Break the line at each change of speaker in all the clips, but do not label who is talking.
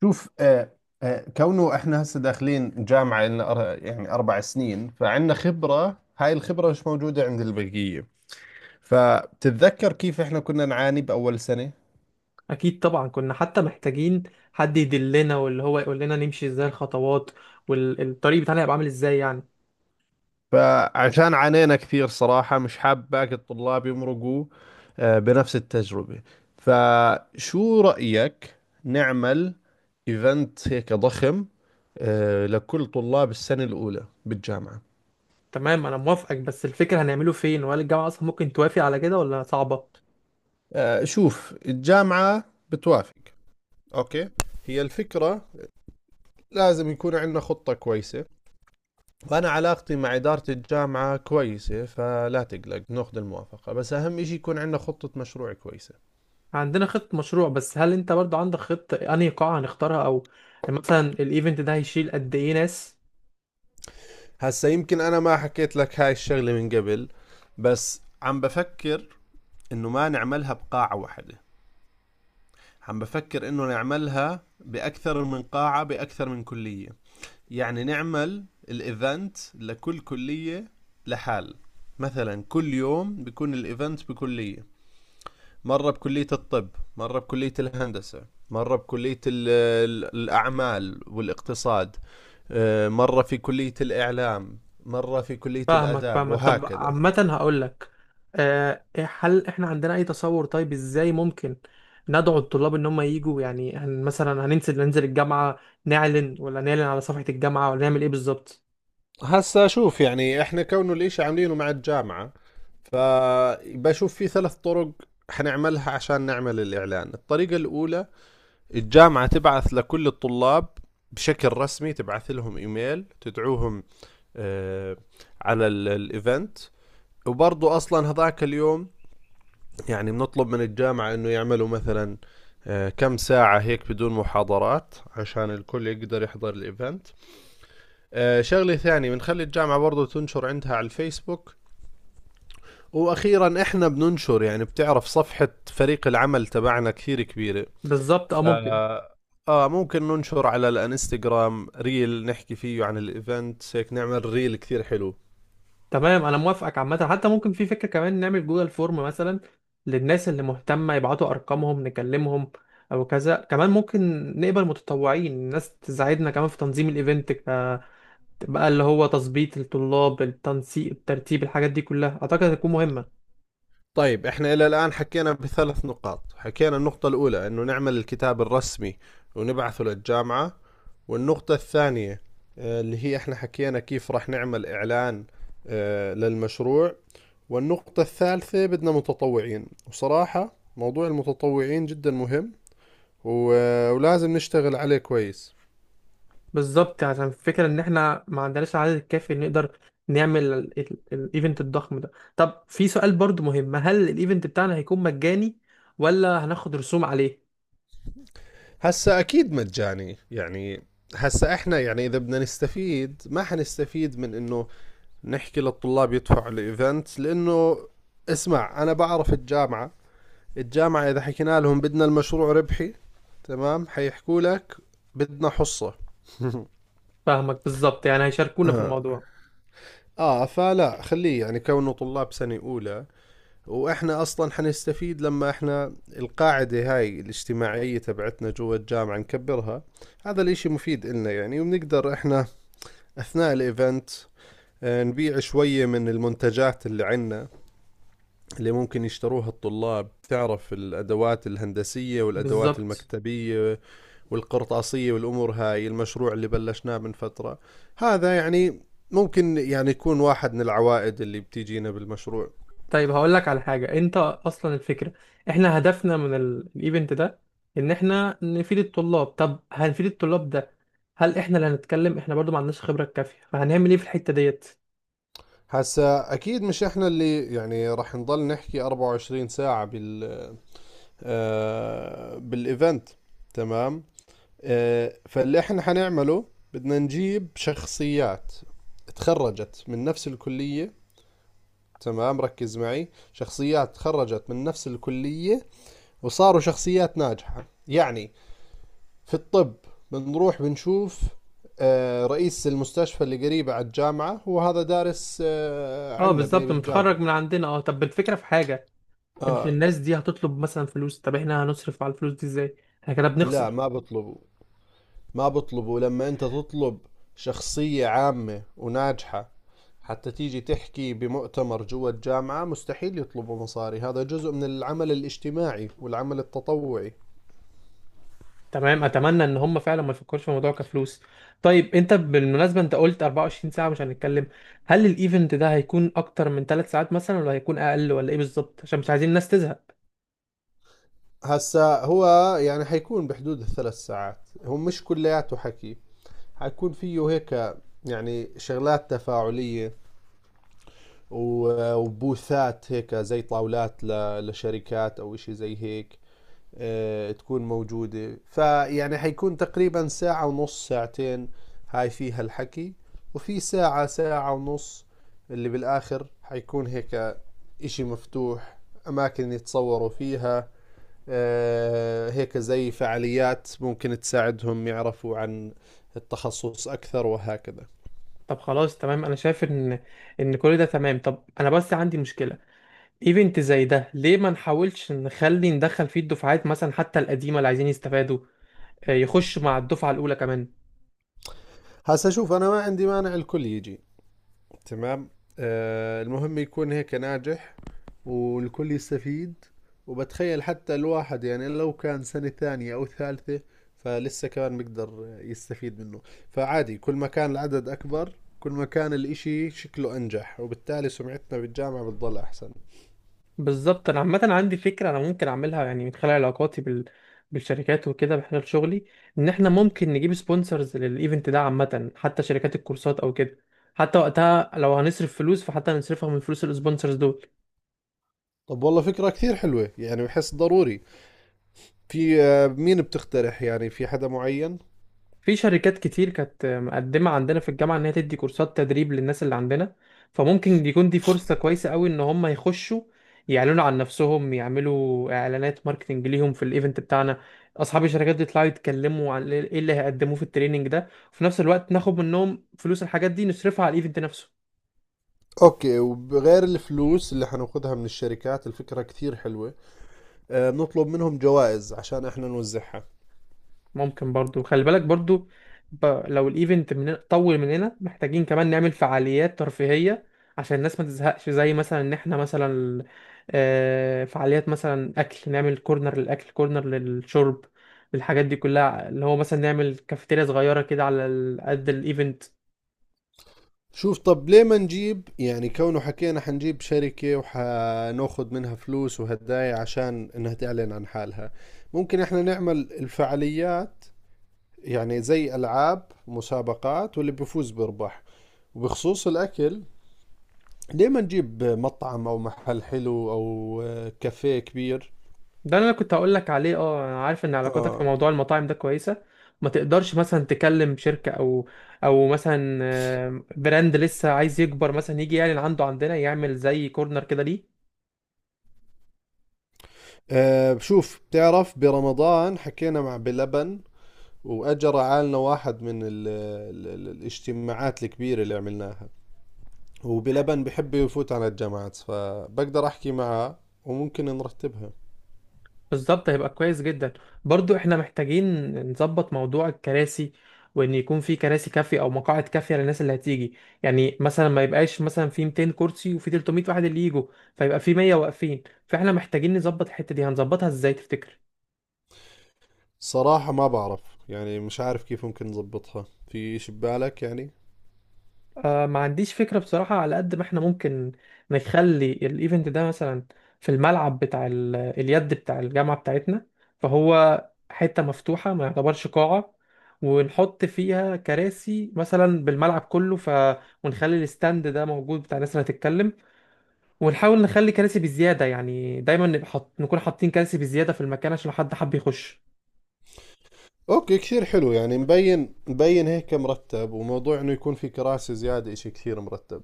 شوف. كونه احنا هسه داخلين جامعة لنا يعني أربع سنين، فعندنا خبرة، هاي الخبرة مش موجودة عند البقية. فبتتذكر كيف احنا كنا نعاني بأول سنة.
اكيد طبعا، كنا حتى محتاجين حد يدلنا واللي هو يقول لنا نمشي ازاي الخطوات، والطريق بتاعنا هيبقى عامل ازاي يعني.
فعشان عانينا كثير صراحة مش حاب باقي الطلاب يمرقوا بنفس التجربة. فشو رأيك نعمل ايفنت هيك ضخم لكل طلاب السنة الأولى بالجامعة؟
تمام، انا موافقك بس الفكرة هنعمله فين؟ وهل الجامعة اصلا ممكن توافق على كده ولا صعبة؟
شوف الجامعة بتوافق. اوكي، هي الفكرة لازم يكون عندنا خطة كويسة، وأنا علاقتي مع إدارة الجامعة كويسة، فلا تقلق ناخذ الموافقة، بس أهم إشي يكون عندنا خطة مشروع كويسة.
عندنا خطة مشروع، بس هل انت برضو عندك خطة انهي قاعة هنختارها؟ او مثلا الايفنت ده هيشيل قد ايه ناس؟
هسا يمكن أنا ما حكيت لك هاي الشغلة من قبل، بس عم بفكر إنه ما نعملها بقاعة واحدة، عم بفكر إنه نعملها بأكثر من قاعة بأكثر من كلية، يعني نعمل الإيفنت لكل كلية لحال. مثلا كل يوم بيكون الإيفنت بكلية، مرة بكلية الطب، مرة بكلية الهندسة، مرة بكلية الأعمال والاقتصاد، مرة في كلية الإعلام، مرة في كلية
فاهمك
الآداب،
فاهمك طب
وهكذا.
عامة هقول لك، هل احنا عندنا اي تصور؟ طيب ازاي ممكن ندعو الطلاب ان هم يجوا؟ يعني هن مثلا هننزل، الجامعة، نعلن ولا نعلن على صفحة الجامعة، ولا نعمل ايه بالظبط؟
هسا شوف، يعني احنا كونه الاشي عاملينه مع الجامعة، فبشوف في ثلاث طرق حنعملها عشان نعمل الإعلان. الطريقة الأولى، الجامعة تبعث لكل الطلاب بشكل رسمي، تبعث لهم إيميل تدعوهم آه، على الإيفنت، وبرضو أصلا هذاك اليوم يعني بنطلب من الجامعة انه يعملوا مثلا كم ساعة هيك بدون محاضرات عشان الكل يقدر يحضر الايفنت. شغلة ثانية، بنخلي الجامعة برضو تنشر عندها على الفيسبوك. واخيرا احنا بننشر، يعني بتعرف صفحة فريق العمل تبعنا كثير كبيرة،
بالظبط، اه
ف
ممكن.
اه ممكن ننشر على الانستغرام ريل نحكي فيه عن الايفنت، هيك نعمل ريل كثير حلو.
تمام انا موافقك. عامة حتى ممكن في فكرة كمان، نعمل جوجل فورم مثلا للناس اللي مهتمة، يبعتوا ارقامهم نكلمهم او كذا. كمان ممكن نقبل متطوعين، الناس تساعدنا كمان في تنظيم الايفنت، بقى اللي هو تظبيط الطلاب، التنسيق، الترتيب، الحاجات دي كلها اعتقد هتكون مهمه.
طيب احنا الى الان حكينا بثلاث نقاط. حكينا النقطة الاولى انه نعمل الكتاب الرسمي ونبعثه للجامعة. والنقطة الثانية، اللي هي احنا حكينا كيف راح نعمل اعلان للمشروع. والنقطة الثالثة، بدنا متطوعين، وصراحة موضوع المتطوعين جدا مهم ولازم نشتغل عليه كويس.
بالظبط، عشان الفكره ان احنا ما عندناش العدد الكافي اللي نقدر نعمل الايفنت الضخم ده. طب في سؤال برضو مهم، هل الايفنت بتاعنا هيكون مجاني ولا هناخد رسوم عليه؟
هسا اكيد مجاني يعني، هسا احنا يعني اذا بدنا نستفيد ما حنستفيد من انه نحكي للطلاب يدفعوا الايفنت، لانه اسمع انا بعرف الجامعه، الجامعه اذا حكينا لهم بدنا المشروع ربحي، تمام، حيحكوا لك بدنا حصه.
فاهمك بالظبط، يعني هيشاركونا في
آه.
الموضوع.
اه فلا خليه، يعني كونه طلاب سنه اولى، واحنا اصلا حنستفيد لما احنا القاعده هاي الاجتماعيه تبعتنا جوا الجامعه نكبرها، هذا الاشي مفيد لنا يعني. وبنقدر احنا اثناء الايفنت نبيع شويه من المنتجات اللي عندنا، اللي ممكن يشتروها الطلاب، تعرف الأدوات الهندسية والأدوات
بالظبط.
المكتبية والقرطاسية والأمور هاي، المشروع اللي بلشناه من فترة، هذا يعني ممكن يعني يكون واحد من العوائد اللي بتيجينا بالمشروع.
طيب هقول لك على حاجة، انت اصلا الفكرة احنا هدفنا من الايفنت ده ان احنا نفيد الطلاب. طب هنفيد الطلاب ده، هل احنا اللي هنتكلم؟ احنا برضو ما عندناش خبرة كافية، فهنعمل ايه في الحتة ديت؟
هسا أكيد مش إحنا اللي يعني رح نضل نحكي 24 ساعة بال بالإيفنت، تمام. فاللي إحنا حنعمله، بدنا نجيب شخصيات تخرجت من نفس الكلية، تمام ركز معي، شخصيات تخرجت من نفس الكلية وصاروا شخصيات ناجحة. يعني في الطب بنروح بنشوف رئيس المستشفى اللي قريبة على الجامعة، هو هذا دارس
اه
عنا
بالظبط،
بالجامعة.
متخرج من عندنا. اه طب الفكرة في حاجة، مش
آه
الناس دي هتطلب مثلا فلوس؟ طب احنا هنصرف على الفلوس دي ازاي؟ احنا كده
لا
بنخسر.
ما بطلبوا، ما بطلبوا. لما أنت تطلب شخصية عامة وناجحة حتى تيجي تحكي بمؤتمر جوا الجامعة مستحيل يطلبوا مصاري، هذا جزء من العمل الاجتماعي والعمل التطوعي.
تمام، اتمنى ان هم فعلا ما يفكروش في الموضوع كفلوس. طيب انت بالمناسبه انت قلت 24 ساعه مش هنتكلم، هل الايفنت ده هيكون اكتر من 3 ساعات مثلا ولا هيكون اقل ولا ايه بالظبط؟ عشان مش عايزين الناس تزهق.
هسا هو يعني حيكون بحدود الثلاث ساعات، هو مش كلياته حكي، حيكون فيه هيك يعني شغلات تفاعلية وبوثات هيك زي طاولات لشركات أو إشي زي هيك تكون موجودة. فيعني حيكون تقريبا ساعة ونص، ساعتين هاي فيها الحكي، وفي ساعة، ساعة ونص اللي بالآخر حيكون هيك إشي مفتوح، أماكن يتصوروا فيها هيك زي فعاليات ممكن تساعدهم يعرفوا عن التخصص أكثر، وهكذا.
طب خلاص، تمام، انا شايف ان كل ده تمام. طب انا بس عندي مشكله، ايفنت زي ده ليه ما نحاولش نخلي ندخل فيه الدفعات مثلا حتى القديمه اللي عايزين يستفادوا، يخشوا مع الدفعه الاولى كمان.
هسا شوف أنا ما عندي مانع الكل يجي، تمام، المهم يكون هيك ناجح والكل يستفيد. وبتخيل حتى الواحد يعني لو كان سنة ثانية أو ثالثة فلسه كمان بيقدر يستفيد منه، فعادي، كل ما كان العدد أكبر، كل ما كان الإشي شكله أنجح، وبالتالي سمعتنا بالجامعة بتضل أحسن.
بالظبط. انا عامه عندي فكره، انا ممكن اعملها يعني من خلال علاقاتي بالشركات وكده، من خلال شغلي، ان احنا ممكن نجيب سبونسرز للايفنت ده. عامه حتى شركات الكورسات او كده، حتى وقتها لو هنصرف فلوس فحتى نصرفها من فلوس السبونسرز دول.
طب والله فكرة كثير حلوة، يعني بحس ضروري. في مين بتقترح؟ يعني في حدا معين؟
في شركات كتير كانت مقدمة عندنا في الجامعة إن هي تدي كورسات تدريب للناس اللي عندنا، فممكن يكون دي فرصة كويسة قوي إن هم يخشوا يعلنوا عن نفسهم، يعملوا إعلانات ماركتينج ليهم في الإيفنت بتاعنا. أصحاب الشركات دي يطلعوا يتكلموا عن إيه اللي هيقدموه في التريننج ده، وفي نفس الوقت ناخد منهم فلوس الحاجات دي نصرفها على الإيفنت نفسه.
اوكي وغير الفلوس اللي حناخدها من الشركات، الفكرة كثير حلوة، بنطلب منهم جوائز عشان احنا نوزعها.
ممكن برضو خلي بالك برضو، ب... لو الايفنت من... طول مننا محتاجين كمان نعمل فعاليات ترفيهية عشان الناس ما تزهقش. زي مثلا ان احنا مثلا، فعاليات مثلا اكل، نعمل كورنر للاكل، كورنر للشرب، الحاجات دي كلها، اللي هو مثلا نعمل كافيتيريا صغيرة كده على قد الايفنت.
شوف طب ليه ما نجيب، يعني كونه حكينا حنجيب شركة وحناخد منها فلوس وهدايا عشان انها تعلن عن حالها، ممكن احنا نعمل الفعاليات، يعني زي العاب مسابقات واللي بيفوز بيربح. وبخصوص الاكل، ليه ما نجيب مطعم او محل حلو او كافيه كبير.
ده اللي انا كنت هقول لك عليه، اه انا عارف ان علاقاتك في
اه.
موضوع المطاعم ده كويسه، ما تقدرش مثلا تكلم شركه او مثلا براند لسه عايز يكبر مثلا يجي يعلن عنده عندنا، يعمل زي كورنر كده، ليه؟
شوف بتعرف برمضان حكينا مع بلبن، واجى رعالنا واحد من ال ال ال الاجتماعات الكبيرة اللي عملناها، وبلبن بحب يفوت على الجامعات، فبقدر احكي معه وممكن نرتبها.
بالظبط، هيبقى كويس جدا. برضو احنا محتاجين نظبط موضوع الكراسي، وان يكون في كراسي كافيه او مقاعد كافيه للناس اللي هتيجي. يعني مثلا ما يبقاش مثلا في 200 كرسي وفي 300 واحد اللي يجوا، فيبقى في 100 واقفين. فاحنا محتاجين نظبط الحته دي، هنظبطها ازاي تفتكر؟
صراحة ما بعرف، يعني مش عارف كيف ممكن نظبطها، في إشي ببالك يعني؟
آه، ما عنديش فكرة بصراحة. على قد ما احنا ممكن نخلي الايفنت ده مثلا في الملعب بتاع اليد بتاع الجامعة بتاعتنا، فهو حتة مفتوحة ما يعتبرش قاعة، ونحط فيها كراسي مثلا بالملعب كله، ونخلي الستاند ده موجود بتاع الناس اللي هتتكلم، ونحاول نخلي كراسي بزيادة، يعني دايما نبقى نكون حاطين كراسي بزيادة في المكان عشان لو حد حب يخش.
اوكي كثير حلو، يعني مبين هيك مرتب، وموضوع انه يكون في كراسي زيادة إشي كثير مرتب.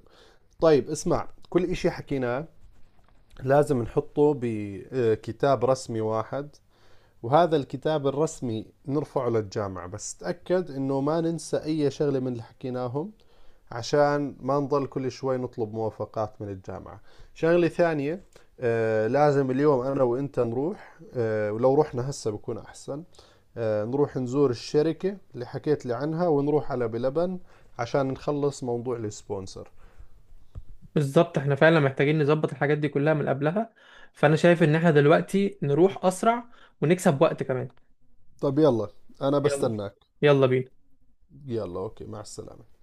طيب اسمع، كل إشي حكيناه لازم نحطه بكتاب رسمي واحد، وهذا الكتاب الرسمي نرفعه للجامعة، بس تأكد انه ما ننسى اي شغلة من اللي حكيناهم، عشان ما نضل كل شوي نطلب موافقات من الجامعة. شغلة ثانية، لازم اليوم انا وانت نروح، ولو رحنا هسه بكون احسن، نروح نزور الشركة اللي حكيت لي عنها، ونروح على بلبن عشان نخلص موضوع السبونسر.
بالظبط، احنا فعلا محتاجين نظبط الحاجات دي كلها من قبلها، فانا شايف ان احنا دلوقتي نروح اسرع ونكسب وقت كمان.
طب يلا، انا
يلا،
بستناك.
يلا بينا.
يلا اوكي، مع السلامة.